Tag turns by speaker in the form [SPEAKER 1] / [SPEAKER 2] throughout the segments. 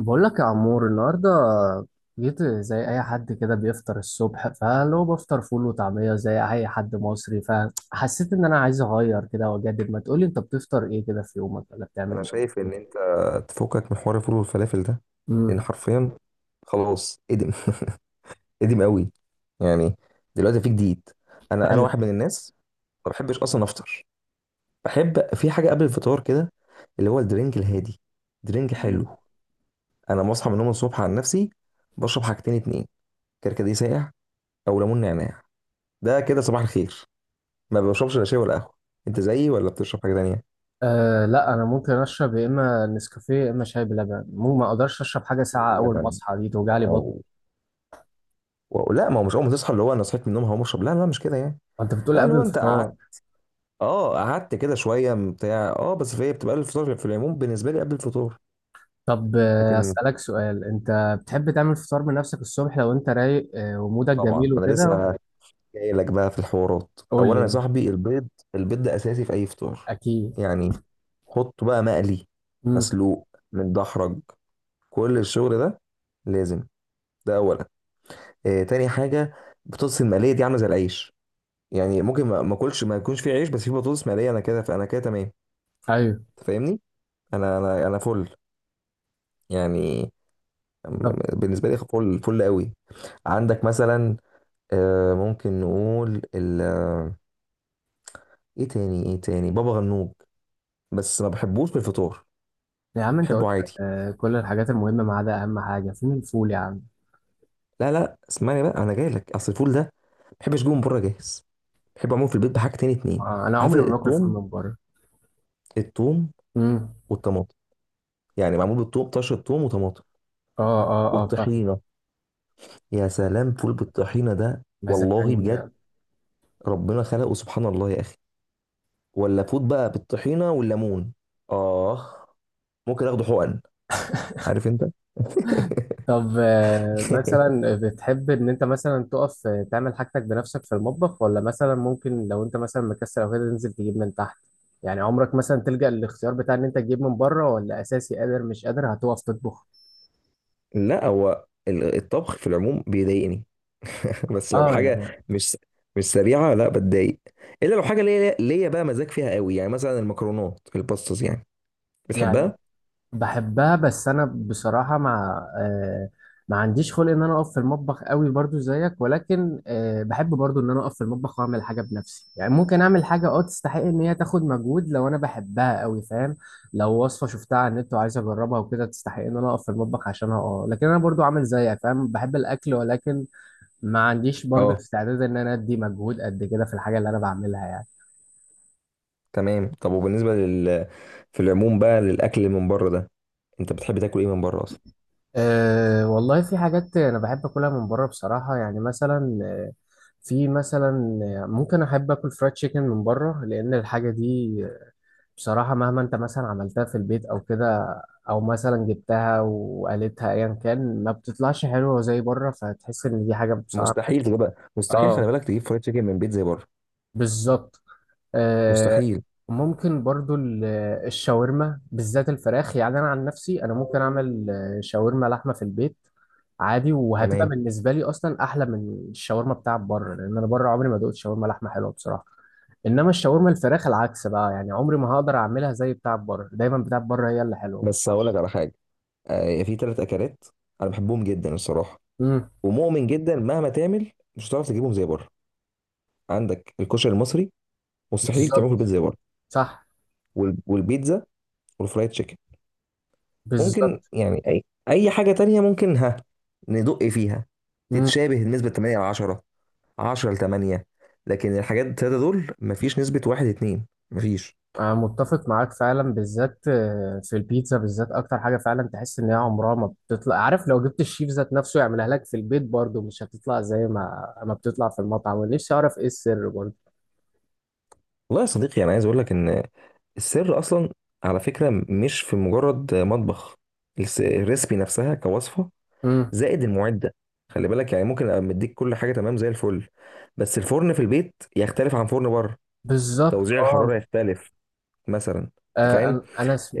[SPEAKER 1] بقول لك يا عمور النهارده، جيت زي اي حد كده بيفطر الصبح، فلو بفطر فول وطعميه زي اي حد مصري، فحسيت ان انا عايز اغير كده واجدد. ما تقولي انت بتفطر ايه كده في يومك، ولا بتعمل
[SPEAKER 2] انا
[SPEAKER 1] ايه؟
[SPEAKER 2] شايف ان انت تفكك من حوار الفول والفلافل ده، لان
[SPEAKER 1] امم.
[SPEAKER 2] حرفيا خلاص ادم ادم قوي. يعني دلوقتي في جديد. انا
[SPEAKER 1] ايوه.
[SPEAKER 2] واحد من الناس ما بحبش اصلا افطر. بحب في حاجه قبل الفطار كده، اللي هو الدرينج الهادي، درينج
[SPEAKER 1] مم.
[SPEAKER 2] حلو. انا بصحى من النوم الصبح عن نفسي بشرب حاجتين اتنين، كركديه ساقع او ليمون نعناع. ده كده صباح الخير. ما بشربش لا شاي ولا قهوه. انت زيي ولا بتشرب حاجه تانيه؟
[SPEAKER 1] آه، لا، انا ممكن اشرب يا اما نسكافيه يا اما شاي بلبن، مو ما اقدرش اشرب حاجه
[SPEAKER 2] شاي
[SPEAKER 1] ساعه اول ما
[SPEAKER 2] بلبن،
[SPEAKER 1] اصحى، دي توجع لي بطن.
[SPEAKER 2] واو. لا، ما هو مش اول ما تصحى اللي هو انا صحيت من النوم هقوم اشرب، لا لا مش كده يعني.
[SPEAKER 1] انت بتقول
[SPEAKER 2] لا اللي
[SPEAKER 1] قبل
[SPEAKER 2] هو انت قعدت،
[SPEAKER 1] الفطار؟
[SPEAKER 2] اه قعدت كده شويه بتاع، اه بس في إيه، بتبقى قبل الفطار في العموم، بالنسبه لي قبل الفطور.
[SPEAKER 1] طب،
[SPEAKER 2] لكن
[SPEAKER 1] اسالك سؤال. انت بتحب تعمل فطار بنفسك الصبح لو انت رايق ومودك
[SPEAKER 2] طبعا
[SPEAKER 1] جميل
[SPEAKER 2] انا
[SPEAKER 1] وكده؟
[SPEAKER 2] لسه جاي لك بقى في الحوارات.
[SPEAKER 1] قول لي
[SPEAKER 2] اولا يا
[SPEAKER 1] يعني.
[SPEAKER 2] صاحبي البيض، البيض ده اساسي في اي فطار.
[SPEAKER 1] اكيد.
[SPEAKER 2] يعني حطه بقى مقلي،
[SPEAKER 1] امم.
[SPEAKER 2] مسلوق، متدحرج، كل الشغل ده لازم. ده اولا. آه، تاني حاجه البطاطس المقليه، دي عامله زي العيش. يعني ممكن ما اكلش، ما يكونش فيه عيش بس فيه بطاطس مقليه، انا كده، فانا كده تمام.
[SPEAKER 1] ايوه.
[SPEAKER 2] أنت فاهمني. انا فل يعني،
[SPEAKER 1] طب.
[SPEAKER 2] بالنسبه لي فل فل قوي. عندك مثلا، ممكن نقول ال آه، ايه تاني، ايه تاني، بابا غنوج، بس ما بحبوش في الفطار،
[SPEAKER 1] يا عم انت
[SPEAKER 2] بحبه
[SPEAKER 1] قلت.
[SPEAKER 2] عادي.
[SPEAKER 1] كل الحاجات المهمه، ما عدا اهم حاجه، فين الفول يا عم؟
[SPEAKER 2] لا لا اسمعني بقى، انا جاي لك. اصل الفول ده ما بحبش جوه من بره جاهز، بحب اعمله في البيت بحاجه تاني اتنين.
[SPEAKER 1] آه، انا
[SPEAKER 2] عارف
[SPEAKER 1] عمري ما باكل فول
[SPEAKER 2] التوم،
[SPEAKER 1] من بره.
[SPEAKER 2] التوم
[SPEAKER 1] امم.
[SPEAKER 2] والطماطم، يعني معمول بالتوم طشه، التوم وطماطم،
[SPEAKER 1] اه، اه، اه، فاهم.
[SPEAKER 2] والطحينه. يا سلام، فول بالطحينه ده والله
[SPEAKER 1] مزقني.
[SPEAKER 2] بجد، ربنا خلقه، سبحان الله يا اخي. ولا فود بقى بالطحينه والليمون، اه، ممكن اخده حقن، عارف انت.
[SPEAKER 1] طب، مثلا بتحب ان انت مثلا تقف تعمل حاجتك بنفسك في المطبخ، ولا مثلا ممكن لو انت مثلا مكسل او كده تنزل تجيب من تحت؟ يعني عمرك مثلا تلجأ للاختيار بتاع ان انت تجيب من بره، ولا اساسي قادر مش قادر هتقف تطبخ؟
[SPEAKER 2] لا، هو الطبخ في العموم بيضايقني، بس لو
[SPEAKER 1] اه،
[SPEAKER 2] حاجه
[SPEAKER 1] يعني.
[SPEAKER 2] مش مش سريعه لا بتضايق. الا لو حاجه ليا ليا بقى، مزاج فيها قوي، يعني مثلا المكرونات، الباستاز يعني،
[SPEAKER 1] يعني
[SPEAKER 2] بتحبها.
[SPEAKER 1] بحبها، بس انا بصراحه مع ما عنديش خلق ان انا اقف في المطبخ قوي برضو زيك، ولكن بحب برضو ان انا اقف في المطبخ واعمل حاجه بنفسي. يعني ممكن اعمل حاجه تستحق ان هي تاخد مجهود لو انا بحبها قوي، فاهم؟ لو وصفه شفتها على النت وعايز اجربها وكده تستحق ان انا اقف في المطبخ عشانها. اه، لكن انا برضو عامل زيك، فاهم، بحب الاكل ولكن ما عنديش برضو
[SPEAKER 2] اه
[SPEAKER 1] استعداد ان انا ادي مجهود قد كده في الحاجه اللي انا بعملها يعني.
[SPEAKER 2] تمام. طب، وبالنسبه لل، في العموم بقى للاكل من بره ده، انت بتحب تاكل ايه من بره اصلا؟
[SPEAKER 1] أه، والله في حاجات أنا بحب أكلها من بره بصراحة. يعني مثلا في مثلا ممكن أحب آكل فرايد تشيكن من بره، لأن الحاجة دي بصراحة مهما أنت مثلا عملتها في البيت أو كده، أو مثلا جبتها وقالتها أيا كان ما بتطلعش حلوة زي بره، فتحس إن دي حاجة بصراحة.
[SPEAKER 2] مستحيل تجيبها، مستحيل، خلي
[SPEAKER 1] اه،
[SPEAKER 2] بالك تجيب فرايد تشيكن من بيت زي بره،
[SPEAKER 1] بالظبط. آه،
[SPEAKER 2] مستحيل.
[SPEAKER 1] ممكن برضو الشاورما، بالذات الفراخ. يعني انا عن نفسي انا ممكن اعمل شاورما لحمه في البيت عادي، وهتبقى
[SPEAKER 2] تمام.
[SPEAKER 1] بالنسبه لي اصلا احلى من الشاورما بتاعت بره، لان انا بره عمري ما دقت شاورما لحمه حلوه بصراحه. انما الشاورما الفراخ العكس بقى، يعني عمري ما هقدر اعملها زي بتاعت بره، دايما بتاعت بره هي اللي حلوه، ما
[SPEAKER 2] بس هقول لك
[SPEAKER 1] تعرفش.
[SPEAKER 2] على حاجه، في ثلاث اكلات انا بحبهم جدا الصراحه،
[SPEAKER 1] امم.
[SPEAKER 2] ومؤمن جدا مهما تعمل مش هتعرف تجيبهم زي بره. عندك الكشري المصري، مستحيل تعمله في
[SPEAKER 1] بالظبط.
[SPEAKER 2] البيت زي بره.
[SPEAKER 1] صح.
[SPEAKER 2] والبيتزا، والفرايد تشيكن. ممكن
[SPEAKER 1] بالظبط.
[SPEAKER 2] يعني اي اي حاجه تانية ممكن ها ندق فيها تتشابه نسبه 8 على 10، 10 ل 8، لكن الحاجات التلاته دول مفيش نسبه 1 2، مفيش.
[SPEAKER 1] أنا متفق معاك فعلا، بالذات في البيتزا بالذات أكتر حاجة فعلا تحس إن هي عمرها ما بتطلع، عارف لو جبت الشيف ذات نفسه يعملها لك في البيت برضه مش هتطلع زي ما بتطلع في المطعم، ونفسي أعرف إيه السر برضه.
[SPEAKER 2] والله يا صديقي، انا عايز اقول لك ان السر اصلا، على فكره، مش في مجرد مطبخ، الريسبي نفسها كوصفه،
[SPEAKER 1] امم.
[SPEAKER 2] زائد المعده. خلي بالك، يعني ممكن ابقى مديك كل حاجه تمام زي الفل، بس الفرن في البيت يختلف عن فرن بره،
[SPEAKER 1] بالظبط،
[SPEAKER 2] توزيع الحراره
[SPEAKER 1] اه.
[SPEAKER 2] يختلف مثلا. انت
[SPEAKER 1] آه،
[SPEAKER 2] فاهم.
[SPEAKER 1] أنا أنا س-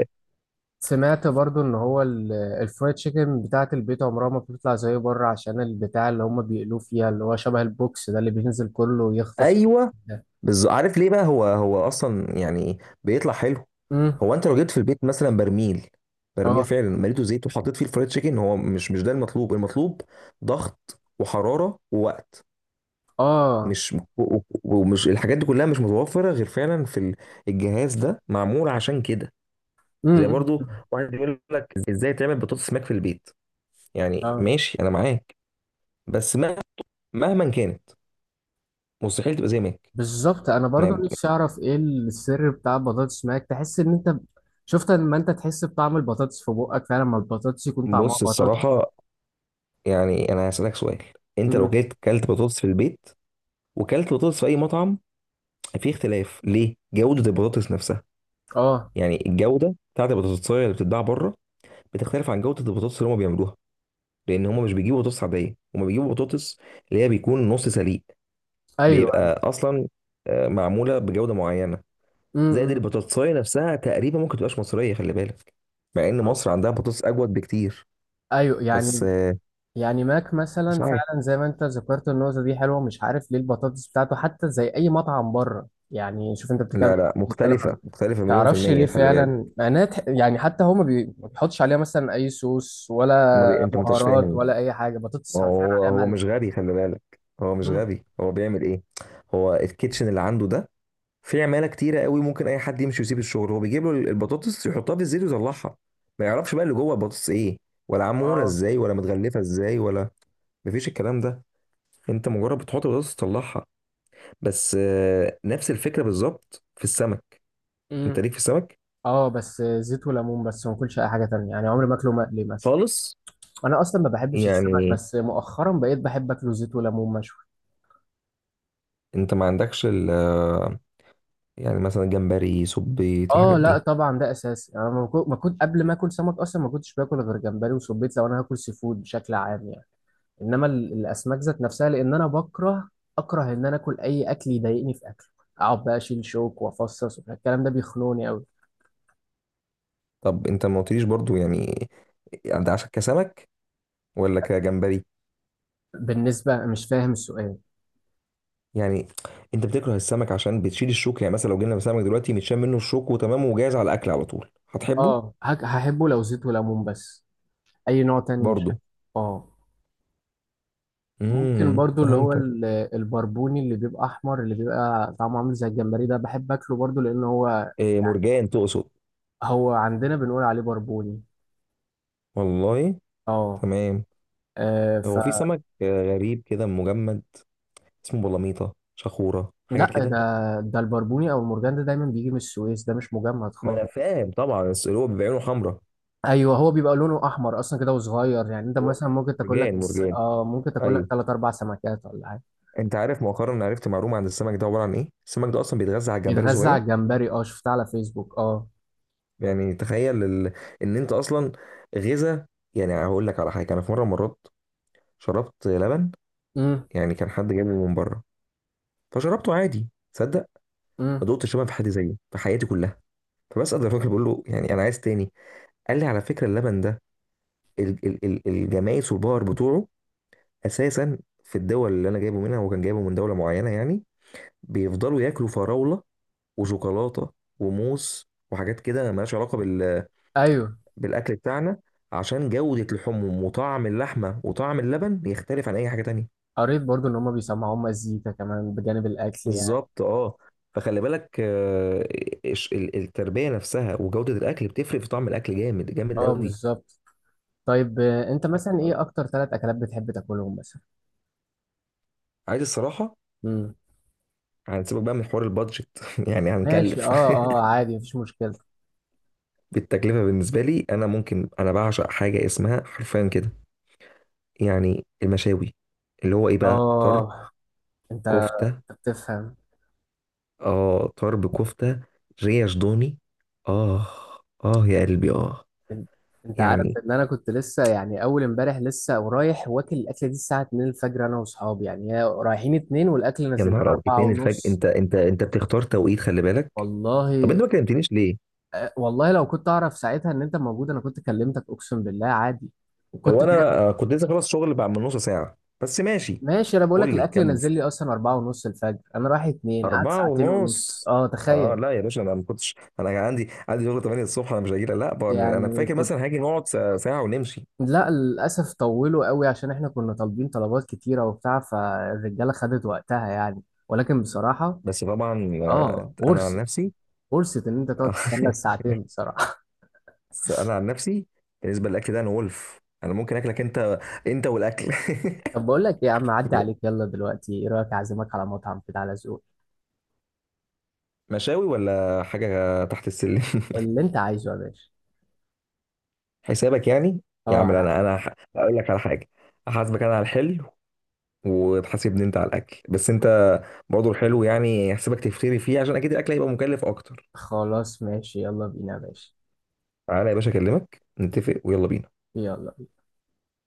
[SPEAKER 1] سمعت برضه إن هو الفرايد تشيكن بتاعة البيت عمرها ما بتطلع زي بره، عشان البتاع اللي هم بيقلوه فيها، اللي هو شبه البوكس ده اللي بينزل كله ويختص
[SPEAKER 2] ايوه
[SPEAKER 1] ده.
[SPEAKER 2] بالظبط. عارف ليه بقى هو اصلا يعني بيطلع حلو؟
[SPEAKER 1] امم.
[SPEAKER 2] هو انت لو جبت في البيت مثلا برميل، برميل
[SPEAKER 1] اه.
[SPEAKER 2] فعلا مليته زيت وحطيت فيه الفرايد تشيكن، هو مش ده المطلوب. المطلوب ضغط وحراره ووقت،
[SPEAKER 1] اه.
[SPEAKER 2] مش و- و- ومش الحاجات دي كلها مش متوفره غير فعلا في الجهاز ده، معمول عشان كده. زي
[SPEAKER 1] امم.
[SPEAKER 2] برضو واحد بيقول لك ازاي تعمل بطاطس ماك في البيت، يعني ماشي انا معاك، بس مهما كانت مستحيل تبقى زي ماك.
[SPEAKER 1] بالظبط، انا برضو
[SPEAKER 2] ما
[SPEAKER 1] نفسي اعرف ايه السر بتاع البطاطس معاك، تحس ان انت شفت لما انت تحس بطعم البطاطس في بقك فعلا، لما البطاطس يكون طعمها
[SPEAKER 2] بص
[SPEAKER 1] بطاطس.
[SPEAKER 2] الصراحه، يعني انا هسالك سؤال، انت لو
[SPEAKER 1] امم.
[SPEAKER 2] جيت كلت بطاطس في البيت وكلت بطاطس في اي مطعم، في اختلاف ليه جوده البطاطس نفسها.
[SPEAKER 1] اه.
[SPEAKER 2] يعني الجوده بتاعت البطاطس اللي بتتباع بره بتختلف عن جوده البطاطس اللي هم بيعملوها، لان هم مش بيجيبوا بطاطس عاديه، هم بيجيبوا بطاطس اللي هي بيكون نص سليق،
[SPEAKER 1] ايوه.
[SPEAKER 2] بيبقى اصلا معموله بجوده معينه. زائد
[SPEAKER 1] امم.
[SPEAKER 2] البطاطساية نفسها تقريبا ممكن تبقاش مصرية، خلي بالك، مع ان مصر عندها بطاطس اجود بكتير،
[SPEAKER 1] ايوه،
[SPEAKER 2] بس
[SPEAKER 1] يعني. يعني ماك
[SPEAKER 2] مش
[SPEAKER 1] مثلا
[SPEAKER 2] عارف.
[SPEAKER 1] فعلا زي ما انت ذكرت، النقطه دي حلوه، مش عارف ليه البطاطس بتاعته حتى زي اي مطعم بره. يعني شوف انت بتتكلم،
[SPEAKER 2] لا لا،
[SPEAKER 1] بتتكلم
[SPEAKER 2] مختلفة
[SPEAKER 1] عن،
[SPEAKER 2] مختلفة مليون في
[SPEAKER 1] تعرفش ليه
[SPEAKER 2] المية، خلي بالك.
[SPEAKER 1] فعلا، معناها يعني حتى هو ما بيحطش عليها مثلا اي صوص، ولا
[SPEAKER 2] ما بي... انت ما انتش
[SPEAKER 1] بهارات،
[SPEAKER 2] فاهم.
[SPEAKER 1] ولا اي حاجه، بطاطس
[SPEAKER 2] هو
[SPEAKER 1] حرفيا
[SPEAKER 2] هو
[SPEAKER 1] عليها
[SPEAKER 2] هو
[SPEAKER 1] ملح.
[SPEAKER 2] مش غبي، خلي بالك. هو مش
[SPEAKER 1] مم.
[SPEAKER 2] غبي، هو بيعمل ايه، هو الكيتشن اللي عنده ده في عمالة كتيرة قوي، ممكن اي حد يمشي ويسيب الشغل، هو بيجيب له البطاطس يحطها في الزيت ويطلعها. ما يعرفش بقى اللي جوه البطاطس ايه، ولا معمولة
[SPEAKER 1] اه.
[SPEAKER 2] ازاي، ولا متغلفة ازاي، ولا، مفيش الكلام ده، انت مجرد بتحط البطاطس تطلعها بس. نفس الفكرة بالظبط في السمك. انت
[SPEAKER 1] مم.
[SPEAKER 2] ليك في السمك
[SPEAKER 1] اه، بس زيت وليمون، بس ما اكلش اي حاجه تانية يعني، عمري ما اكله مقلي مثلا.
[SPEAKER 2] خالص.
[SPEAKER 1] انا اصلا ما بحبش السمك،
[SPEAKER 2] يعني
[SPEAKER 1] بس مؤخرا بقيت بحب اكله زيت وليمون مشوي.
[SPEAKER 2] انت ما عندكش ال آه، يعني مثلا جمبري، سبيط، الحاجات
[SPEAKER 1] اه، لا
[SPEAKER 2] دي؟
[SPEAKER 1] طبعا ده اساسي، انا ما كنت قبل ما اكل سمك اصلا ما كنتش باكل غير جمبري وسبيط لو انا هاكل سي فود بشكل عام يعني. انما الاسماك ذات نفسها، لان انا اكره ان انا اكل اي اكل يضايقني في اكله. اقعد بقى اشيل شوك وافصص وبتاع. الكلام ده بيخنقني قوي.
[SPEAKER 2] طب انت ما قلتليش برضو يعني، يعني ده عشان كسمك ولا كجمبري؟
[SPEAKER 1] بالنسبه، مش فاهم السؤال.
[SPEAKER 2] يعني انت بتكره السمك عشان بتشيل الشوك؟ يعني مثلا لو جينا سمك دلوقتي متشال منه الشوك وتمام وجاهز على الاكل على طول، هتحبه؟
[SPEAKER 1] اه، هحبه لو زيت وليمون بس. اي نوع تاني مش أكل.
[SPEAKER 2] برضو.
[SPEAKER 1] اه. ممكن
[SPEAKER 2] امم،
[SPEAKER 1] برضو اللي هو
[SPEAKER 2] فهمتك.
[SPEAKER 1] البربوني، اللي بيبقى احمر، اللي بيبقى طعمه عامل زي الجمبري، ده بحب اكله برضو لان هو.
[SPEAKER 2] إيه مرجان تقصد؟
[SPEAKER 1] هو عندنا بنقول عليه بربوني.
[SPEAKER 2] والله؟
[SPEAKER 1] اه،
[SPEAKER 2] تمام.
[SPEAKER 1] آه، ف
[SPEAKER 2] هو في سمك غريب كده مجمد، اسمه بلاميطه، شخوره، حاجه
[SPEAKER 1] لا،
[SPEAKER 2] كده.
[SPEAKER 1] ده البربوني او المرجان ده دايما بيجي من السويس، ده مش مجمد
[SPEAKER 2] ما
[SPEAKER 1] خالص.
[SPEAKER 2] انا فاهم طبعا، بس اللي هو بيبقى عينه حمراء.
[SPEAKER 1] ايوه، هو بيبقى لونه احمر اصلا كده وصغير، يعني انت
[SPEAKER 2] هو
[SPEAKER 1] مثلا ممكن تاكل لك
[SPEAKER 2] مرجان،
[SPEAKER 1] بس،
[SPEAKER 2] مرجان،
[SPEAKER 1] اه، ممكن تاكل لك
[SPEAKER 2] ايوه.
[SPEAKER 1] ثلاث اربع سمكات ولا حاجه.
[SPEAKER 2] انت عارف، مؤخرا عرفت معلومه عن السمك ده، عباره عن ايه؟ السمك ده اصلا بيتغذى على الجمبري
[SPEAKER 1] بيتغذى
[SPEAKER 2] الصغير.
[SPEAKER 1] على الجمبري، اه شفتها على فيسبوك، اه.
[SPEAKER 2] يعني تخيل ال... ان انت اصلا غذا. يعني هقول لك على حاجه، انا في مره، مرات شربت لبن،
[SPEAKER 1] امم.
[SPEAKER 2] يعني كان حد جايبه من بره، فشربته عادي. تصدق ما
[SPEAKER 1] امم.
[SPEAKER 2] دقتش لبن في حد زيه في حياتي كلها. فبسأل الراجل، بقول له يعني انا عايز تاني. قال لي على فكره اللبن ده، الجمايس والبار بتوعه اساسا في الدول اللي انا جايبه منها، هو كان جايبه من دوله معينه يعني، بيفضلوا ياكلوا فراوله وشوكولاته وموز وحاجات كده مالهاش علاقه بال...
[SPEAKER 1] ايوه.
[SPEAKER 2] بالاكل بتاعنا. عشان جوده لحومهم وطعم اللحمه وطعم اللبن يختلف عن اي حاجه تانية.
[SPEAKER 1] قريت برضو ان هما بيسمعوهم مزيكا كمان بجانب الاكل يعني.
[SPEAKER 2] بالظبط، اه. فخلي بالك التربيه نفسها وجوده الاكل بتفرق في طعم الاكل، جامد جامد
[SPEAKER 1] اه،
[SPEAKER 2] قوي.
[SPEAKER 1] بالظبط. طيب، انت مثلا ايه اكتر ثلاث اكلات بتحب تاكلهم مثلا؟
[SPEAKER 2] عايز الصراحه
[SPEAKER 1] امم.
[SPEAKER 2] هنسيبك بقى من حوار البادجت، يعني
[SPEAKER 1] ماشي،
[SPEAKER 2] هنكلف.
[SPEAKER 1] اه، اه، عادي مفيش مشكلة.
[SPEAKER 2] بالتكلفة بالنسبة لي، أنا ممكن أنا بعشق حاجة اسمها حرفيا كده، يعني المشاوي، اللي هو إيه بقى، طرب،
[SPEAKER 1] اه. انت،
[SPEAKER 2] كفتة،
[SPEAKER 1] أنت بتفهم.
[SPEAKER 2] آه طرب كفتة، ريش ضاني، آه، آه يا قلبي آه.
[SPEAKER 1] ان- انت عارف
[SPEAKER 2] يعني
[SPEAKER 1] ان انا كنت لسه، يعني اول امبارح لسه ورايح واكل الاكله دي الساعه 2 الفجر، انا واصحابي، يعني هي رايحين 2، والاكل
[SPEAKER 2] يا
[SPEAKER 1] نزل لنا
[SPEAKER 2] نهار أبيض،
[SPEAKER 1] 4
[SPEAKER 2] اتنين الفجر؟
[SPEAKER 1] ونص
[SPEAKER 2] أنت بتختار توقيت، خلي بالك. طب
[SPEAKER 1] والله.
[SPEAKER 2] أنت ما كلمتنيش ليه؟
[SPEAKER 1] والله لو كنت اعرف ساعتها ان انت موجود انا كنت كلمتك، اقسم بالله عادي. وكنت.
[SPEAKER 2] هو أنا كنت لسه خلاص شغل بعد من نص ساعة، بس ماشي.
[SPEAKER 1] ماشي، انا بقول لك
[SPEAKER 2] قول لي
[SPEAKER 1] الاكل
[SPEAKER 2] كمل.
[SPEAKER 1] نزل لي اصلا 4:30 الفجر، انا رايح اتنين، قعد
[SPEAKER 2] أربعة
[SPEAKER 1] ساعتين ونص،
[SPEAKER 2] ونص؟
[SPEAKER 1] اه
[SPEAKER 2] اه
[SPEAKER 1] تخيل.
[SPEAKER 2] لا يا باشا، انا ما كنتش، انا كان عندي شغل 8 الصبح، انا مش هاجي لا بقى، انا
[SPEAKER 1] يعني
[SPEAKER 2] فاكر
[SPEAKER 1] كنت.
[SPEAKER 2] مثلا هاجي نقعد ساعة ساعة ونمشي.
[SPEAKER 1] لا للاسف طولوا قوي عشان احنا كنا طالبين طلبات كتيره وبتاع، فالرجاله خدت وقتها يعني. ولكن بصراحه.
[SPEAKER 2] بس طبعا
[SPEAKER 1] اه،
[SPEAKER 2] انا عن نفسي.
[SPEAKER 1] ورثت ان انت تقعد تستنى الساعتين بصراحه.
[SPEAKER 2] انا عن نفسي بالنسبة للاكل ده انا ولف، انا ممكن اكلك انت، انت والاكل.
[SPEAKER 1] طب بقول لك إيه يا عم، عدي عليك، يلا دلوقتي ايه رايك اعزمك على مطعم كده على ذوقك؟
[SPEAKER 2] مشاوي ولا حاجة تحت السلم.
[SPEAKER 1] اللي انت عايزه يا باشا.
[SPEAKER 2] حسابك يعني. يا
[SPEAKER 1] اه،
[SPEAKER 2] عم
[SPEAKER 1] على
[SPEAKER 2] لا، انا
[SPEAKER 1] حسب.
[SPEAKER 2] انا هقول لك على حاجة، احاسبك انا على الحلو وتحاسبني انت على الاكل، بس انت برضه الحلو يعني احسبك تفتري فيه، عشان اكيد الاكل هيبقى مكلف اكتر.
[SPEAKER 1] خلاص ماشي يلا بينا يا باشا.
[SPEAKER 2] تعالى يا باشا اكلمك نتفق، ويلا بينا.
[SPEAKER 1] يلا.